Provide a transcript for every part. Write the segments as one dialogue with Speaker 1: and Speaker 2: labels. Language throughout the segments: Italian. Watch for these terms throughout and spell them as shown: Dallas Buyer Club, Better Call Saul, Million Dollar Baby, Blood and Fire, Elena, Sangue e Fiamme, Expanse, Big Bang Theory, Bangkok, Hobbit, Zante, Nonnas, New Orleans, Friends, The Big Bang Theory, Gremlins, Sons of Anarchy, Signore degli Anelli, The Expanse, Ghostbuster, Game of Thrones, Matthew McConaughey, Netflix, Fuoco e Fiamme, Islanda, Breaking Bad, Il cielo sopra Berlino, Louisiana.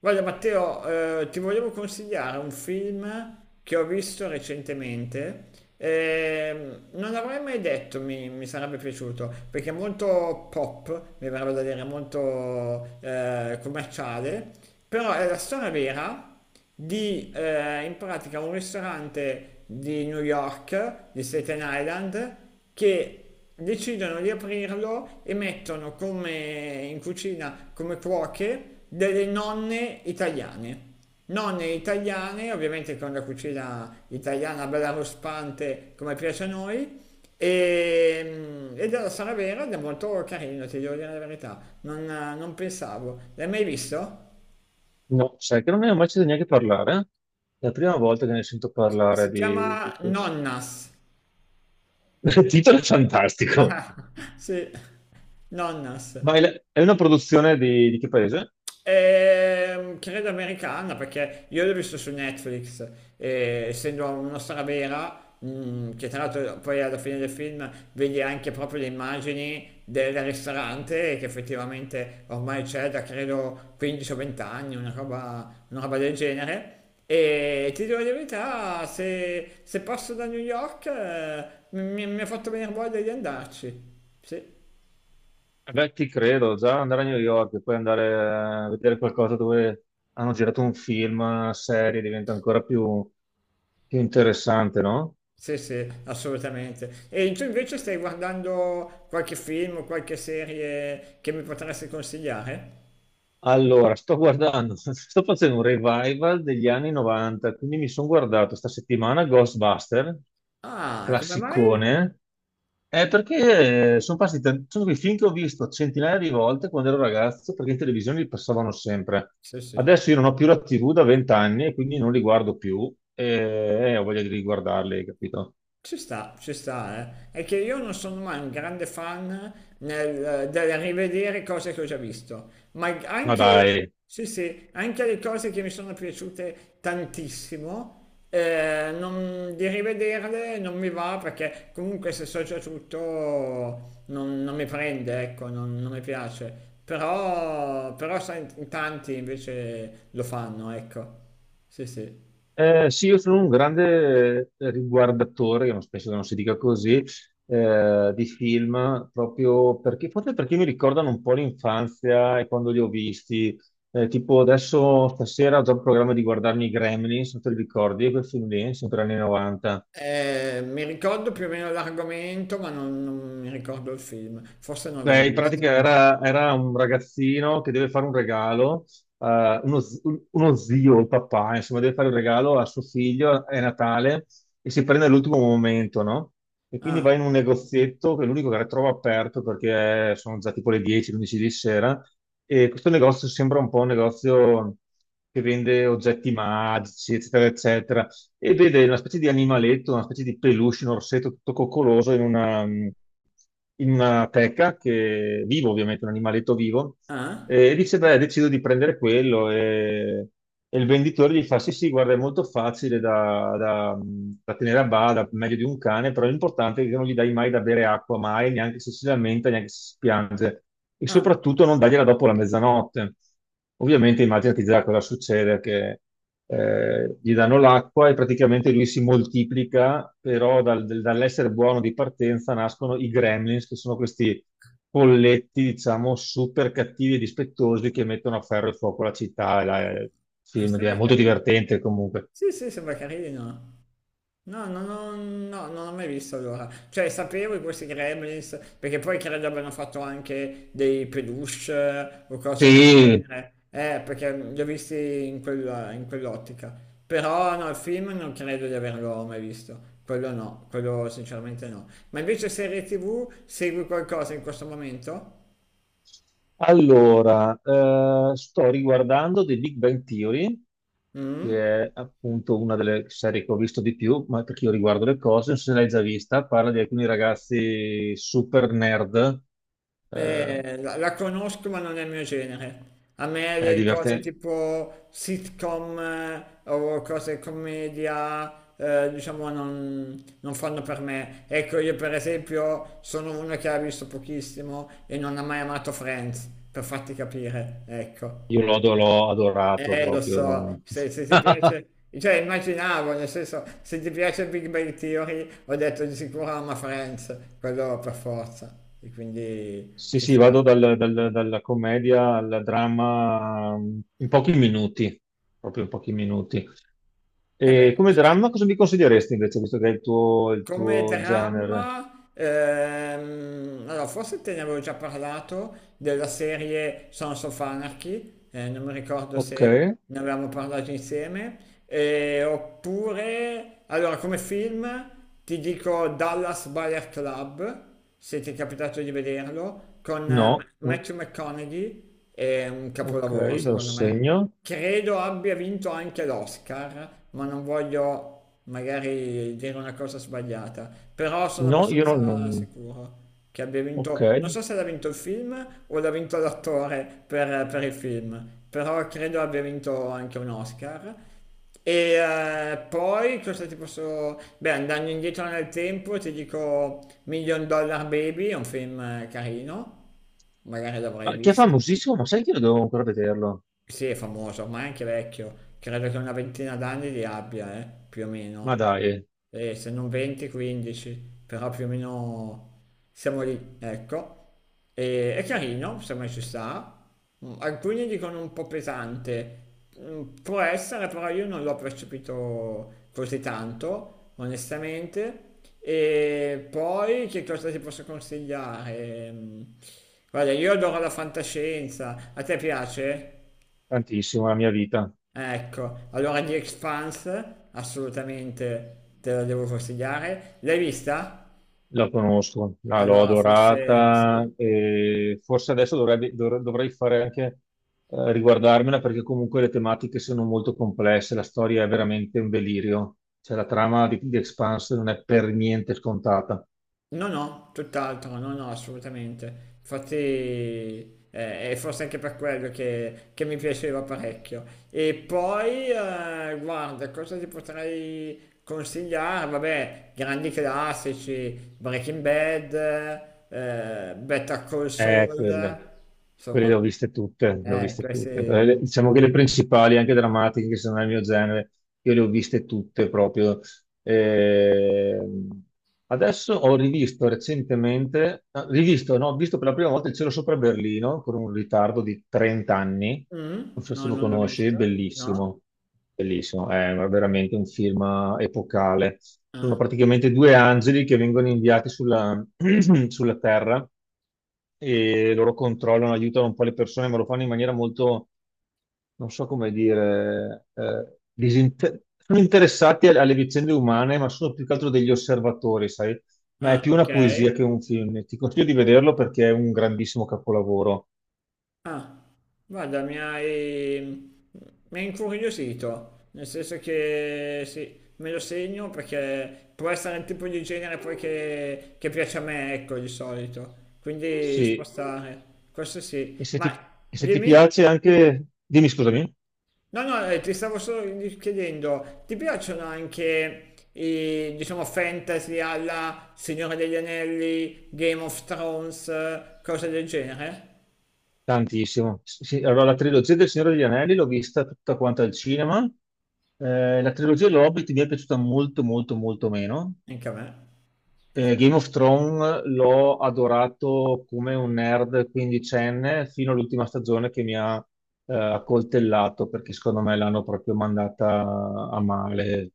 Speaker 1: Guarda Matteo, ti volevo consigliare un film che ho visto recentemente. Non l'avrei mai detto, mi sarebbe piaciuto, perché è molto pop, mi verrebbe da dire, molto commerciale, però è la storia vera di in pratica un ristorante di New York, di Staten Island, che decidono di aprirlo e mettono come in cucina, come cuoche, delle nonne italiane. Nonne italiane, ovviamente con la cucina italiana bella ruspante come piace a noi, e, e della Sala Vera ed è molto carino, ti devo dire la verità, non pensavo. L'hai mai visto?
Speaker 2: No, sai che non ne ho mai sentito neanche parlare. È la prima volta che ne sento parlare
Speaker 1: Si
Speaker 2: di,
Speaker 1: chiama
Speaker 2: di questo.
Speaker 1: Nonnas.
Speaker 2: Il titolo è fantastico.
Speaker 1: Ah, sì, Nonnas.
Speaker 2: Ma è, è una produzione di che paese?
Speaker 1: Credo americana perché io l'ho visto su Netflix e essendo una storia vera, che tra l'altro poi alla fine del film vedi anche proprio le immagini del ristorante che effettivamente ormai c'è da credo 15 o 20 anni, una roba del genere. E ti dico la verità, se passo da New York mi ha fatto venire voglia di andarci. Sì.
Speaker 2: Beh, ti credo, già andare a New York e poi andare a vedere qualcosa dove hanno girato un film, una serie, diventa ancora più, più interessante, no?
Speaker 1: Sì, sì, assolutamente. E tu invece stai guardando qualche film o qualche serie che mi potresti consigliare?
Speaker 2: Allora, sto guardando, sto facendo un revival degli anni 90, quindi mi sono guardato sta settimana Ghostbuster,
Speaker 1: Ah, come mai?
Speaker 2: classicone, è perché sono passati sono quei film che ho visto centinaia di volte quando ero ragazzo, perché in televisione li passavano sempre.
Speaker 1: Sì, sì.
Speaker 2: Adesso io non ho più la TV da vent'anni e quindi non li guardo più e ho voglia di riguardarli, capito?
Speaker 1: Ci sta, eh. È che io non sono mai un grande fan del rivedere cose che ho già visto, ma
Speaker 2: Ma
Speaker 1: anche,
Speaker 2: dai.
Speaker 1: sì, sì, anche le cose che mi sono piaciute tantissimo, di rivederle non mi va perché comunque se so già tutto non mi prende, ecco, non mi piace. Però, però sai, in tanti invece lo fanno, ecco. Sì, sì.
Speaker 2: Sì, io sono un grande riguardatore, io non- penso che non si dica così, di film, proprio perché, forse perché mi ricordano un po' l'infanzia e quando li ho visti. Tipo adesso stasera ho già il programma di guardarmi i Gremlins, non te li ricordi, quel film lì, sempre anni 90.
Speaker 1: Mi ricordo più o meno l'argomento, ma non mi ricordo il film. Forse non l'ho
Speaker 2: Beh,
Speaker 1: mai
Speaker 2: in
Speaker 1: visto.
Speaker 2: pratica era un ragazzino che deve fare un regalo, uno, uno zio, il papà, insomma, deve fare un regalo a suo figlio, è Natale, e si prende all'ultimo momento, no? E quindi va
Speaker 1: Ah,
Speaker 2: in un negozietto, che è l'unico che trova aperto, perché sono già tipo le 10, 11 di sera, e questo negozio sembra un po' un negozio che vende oggetti magici, eccetera, eccetera, e vede una specie di animaletto, una specie di peluche, un orsetto tutto coccoloso in una teca, che, vivo ovviamente, un animaletto vivo,
Speaker 1: ah,
Speaker 2: e dice, beh, decido di prendere quello e il venditore gli fa, sì, sì, guarda, è molto facile da, da tenere a bada, meglio di un cane, però l'importante è che non gli dai mai da bere acqua, mai, neanche se si lamenta, neanche se si piange, e
Speaker 1: ah,
Speaker 2: soprattutto non dargliela dopo la mezzanotte. Ovviamente immaginati già cosa succede, che gli danno l'acqua e praticamente lui si moltiplica, però dall'essere buono di partenza nascono i gremlins, che sono questi polletti, diciamo, super cattivi e dispettosi che mettono a ferro e fuoco la città. E sì, è
Speaker 1: sembra
Speaker 2: molto
Speaker 1: carino.
Speaker 2: divertente comunque.
Speaker 1: Sì, sì, sembra carino. No, no, no, no, non ho mai visto allora. Cioè, sapevo di questi Gremlins, perché poi credo abbiano fatto anche dei peluche o cose del
Speaker 2: Sì.
Speaker 1: genere. Perché li ho visti in in quell'ottica. Però no, il film non credo di averlo mai visto. Quello no, quello sinceramente no. Ma invece serie TV, segui qualcosa in questo momento?
Speaker 2: Allora, sto riguardando The Big Bang Theory,
Speaker 1: Mm?
Speaker 2: che è appunto una delle serie che ho visto di più, ma perché io riguardo le cose, non so se l'hai già vista, parla di alcuni ragazzi super nerd, eh,
Speaker 1: La conosco ma non è il mio genere. A me
Speaker 2: è
Speaker 1: le cose
Speaker 2: divertente,
Speaker 1: tipo sitcom o cose commedia, diciamo, non fanno per me. Ecco, io per esempio sono uno che ha visto pochissimo e non ha mai amato Friends, per farti capire, ecco.
Speaker 2: io l'ho adorato
Speaker 1: Lo
Speaker 2: proprio.
Speaker 1: so, se ti piace, cioè immaginavo, nel senso, se ti piace Big Bang Theory, ho detto di sicuro ama Friends, quello per forza, e quindi
Speaker 2: Sì,
Speaker 1: ci
Speaker 2: sì, vado
Speaker 1: sta.
Speaker 2: dalla commedia al dramma in pochi minuti, proprio in pochi minuti.
Speaker 1: Eh
Speaker 2: E
Speaker 1: beh,
Speaker 2: come
Speaker 1: ci sta.
Speaker 2: dramma cosa mi consiglieresti invece, visto che è il
Speaker 1: Come
Speaker 2: tuo genere?
Speaker 1: dramma, allora forse te ne avevo già parlato della serie Sons of Anarchy, non mi ricordo
Speaker 2: Ok,
Speaker 1: se ne avevamo parlato insieme, oppure, allora come film ti dico Dallas Buyer Club, se ti è capitato di vederlo, con
Speaker 2: no,
Speaker 1: Matthew McConaughey, è un
Speaker 2: ok,
Speaker 1: capolavoro
Speaker 2: me lo
Speaker 1: secondo me.
Speaker 2: segno.
Speaker 1: Credo abbia vinto anche l'Oscar, ma non voglio magari dire una cosa sbagliata, però sono
Speaker 2: No, io non...
Speaker 1: abbastanza
Speaker 2: non-
Speaker 1: sicuro che abbia
Speaker 2: Ok.
Speaker 1: vinto, non so se l'ha vinto il film o l'ha vinto l'attore per il film, però credo abbia vinto anche un Oscar. E poi cosa ti posso... Beh, andando indietro nel tempo ti dico Million Dollar Baby, è un film carino, magari l'avrai
Speaker 2: Ma che fa
Speaker 1: visto.
Speaker 2: famosissimo, ma sai che io devo ancora vederlo?
Speaker 1: Sì, è famoso, ma è anche vecchio. Credo che una ventina d'anni li abbia, più o
Speaker 2: Ma
Speaker 1: meno.
Speaker 2: dai,
Speaker 1: E se non 20, 15, però più o meno siamo lì, ecco. E, è carino, se mai ci sta. Mm, alcuni dicono un po' pesante. Mm, può essere, però io non l'ho percepito così tanto, onestamente. E poi che cosa ti posso consigliare? Mm, guarda, io adoro la fantascienza. A te piace?
Speaker 2: tantissimo la mia vita.
Speaker 1: Ecco, allora The Expanse assolutamente te la devo consigliare. L'hai vista?
Speaker 2: La conosco, l'ho
Speaker 1: Allora forse sì.
Speaker 2: adorata e forse adesso dovrei fare anche riguardarmela perché comunque le tematiche sono molto complesse, la storia è veramente un delirio, cioè la trama di Expanse non è per niente scontata.
Speaker 1: No, no, tutt'altro, no, no, assolutamente. Infatti è forse anche per quello che mi piaceva parecchio. E poi, guarda, cosa ti potrei consigliare? Vabbè, grandi classici, Breaking Bad, Better Call
Speaker 2: Quelle,
Speaker 1: Saul,
Speaker 2: quelle le
Speaker 1: insomma.
Speaker 2: ho viste tutte, le ho viste tutte. Però
Speaker 1: Questi,
Speaker 2: diciamo che le principali, anche drammatiche, che sono nel mio genere, io le ho viste tutte proprio. Ehm, Adesso ho rivisto recentemente, ah, rivisto, no, ho visto per la prima volta Il cielo sopra Berlino con un ritardo di 30 anni. Non
Speaker 1: mh,
Speaker 2: so
Speaker 1: no,
Speaker 2: se lo
Speaker 1: non l'ho
Speaker 2: conosci, è
Speaker 1: vista. No?
Speaker 2: bellissimo, bellissimo, è veramente un film epocale. Sono
Speaker 1: Ah,
Speaker 2: praticamente 2 angeli che vengono inviati sulla sulla Terra e loro controllano, aiutano un po' le persone, ma lo fanno in maniera molto, non so come dire, sono interessati alle alle vicende umane, ma sono più che altro degli osservatori, sai? Ma è
Speaker 1: ah,
Speaker 2: più una
Speaker 1: okay.
Speaker 2: poesia che un film. Ti consiglio di vederlo perché è un grandissimo capolavoro.
Speaker 1: Ah, guarda mi hai incuriosito, nel senso che sì, me lo segno perché può essere il tipo di genere poi che piace a me, ecco, di solito. Quindi ci può
Speaker 2: Sì,
Speaker 1: stare. Questo
Speaker 2: e
Speaker 1: sì.
Speaker 2: se
Speaker 1: Ma
Speaker 2: ti, e se ti
Speaker 1: dimmi?
Speaker 2: piace anche... Dimmi, scusami.
Speaker 1: No, no, ti stavo solo chiedendo, ti piacciono anche i, diciamo, fantasy alla Signore degli Anelli, Game of Thrones, cose del genere?
Speaker 2: Tantissimo. Sì, allora la trilogia del Signore degli Anelli l'ho vista tutta quanta al cinema. La trilogia dell'Hobbit mi è piaciuta molto, molto, molto meno.
Speaker 1: Anche a me,
Speaker 2: Game of Thrones l'ho adorato come un nerd quindicenne fino all'ultima stagione che mi ha accoltellato perché secondo me l'hanno proprio mandata a male.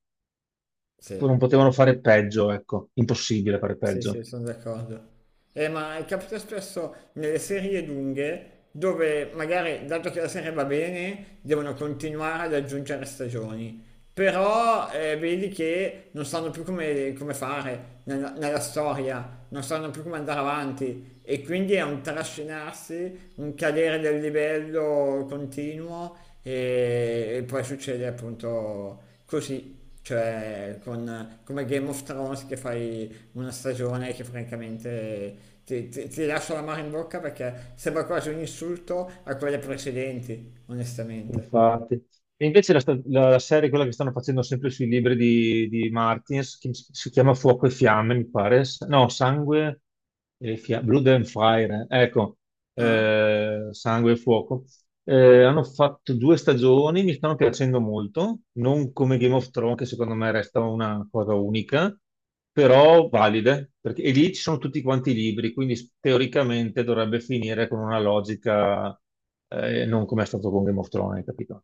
Speaker 1: sì.
Speaker 2: Non potevano fare peggio, ecco, impossibile fare
Speaker 1: Sì, sì,
Speaker 2: peggio.
Speaker 1: sono d'accordo. Ma capita spesso nelle serie lunghe dove magari, dato che la serie va bene, devono continuare ad aggiungere stagioni. Però vedi che non sanno più come, come fare nella storia, non sanno più come andare avanti e quindi è un trascinarsi, un cadere del livello continuo e poi succede appunto così, cioè con, come Game of Thrones che fai una stagione che francamente ti, ti lascia la mare in bocca perché sembra quasi un insulto a quelle precedenti, onestamente.
Speaker 2: Infatti. E invece la, la serie, quella che stanno facendo sempre sui libri di Martins, che si chiama Fuoco e Fiamme, mi pare. No, Sangue e Fiamme, Blood and Fire, ecco,
Speaker 1: Ah?
Speaker 2: sangue e fuoco. Hanno fatto 2 stagioni, mi stanno piacendo molto, non come Game of Thrones, che secondo me resta una cosa unica, però valide, perché e lì ci sono tutti quanti i libri, quindi teoricamente dovrebbe finire con una logica, non come è stato con Game of Thrones, capito?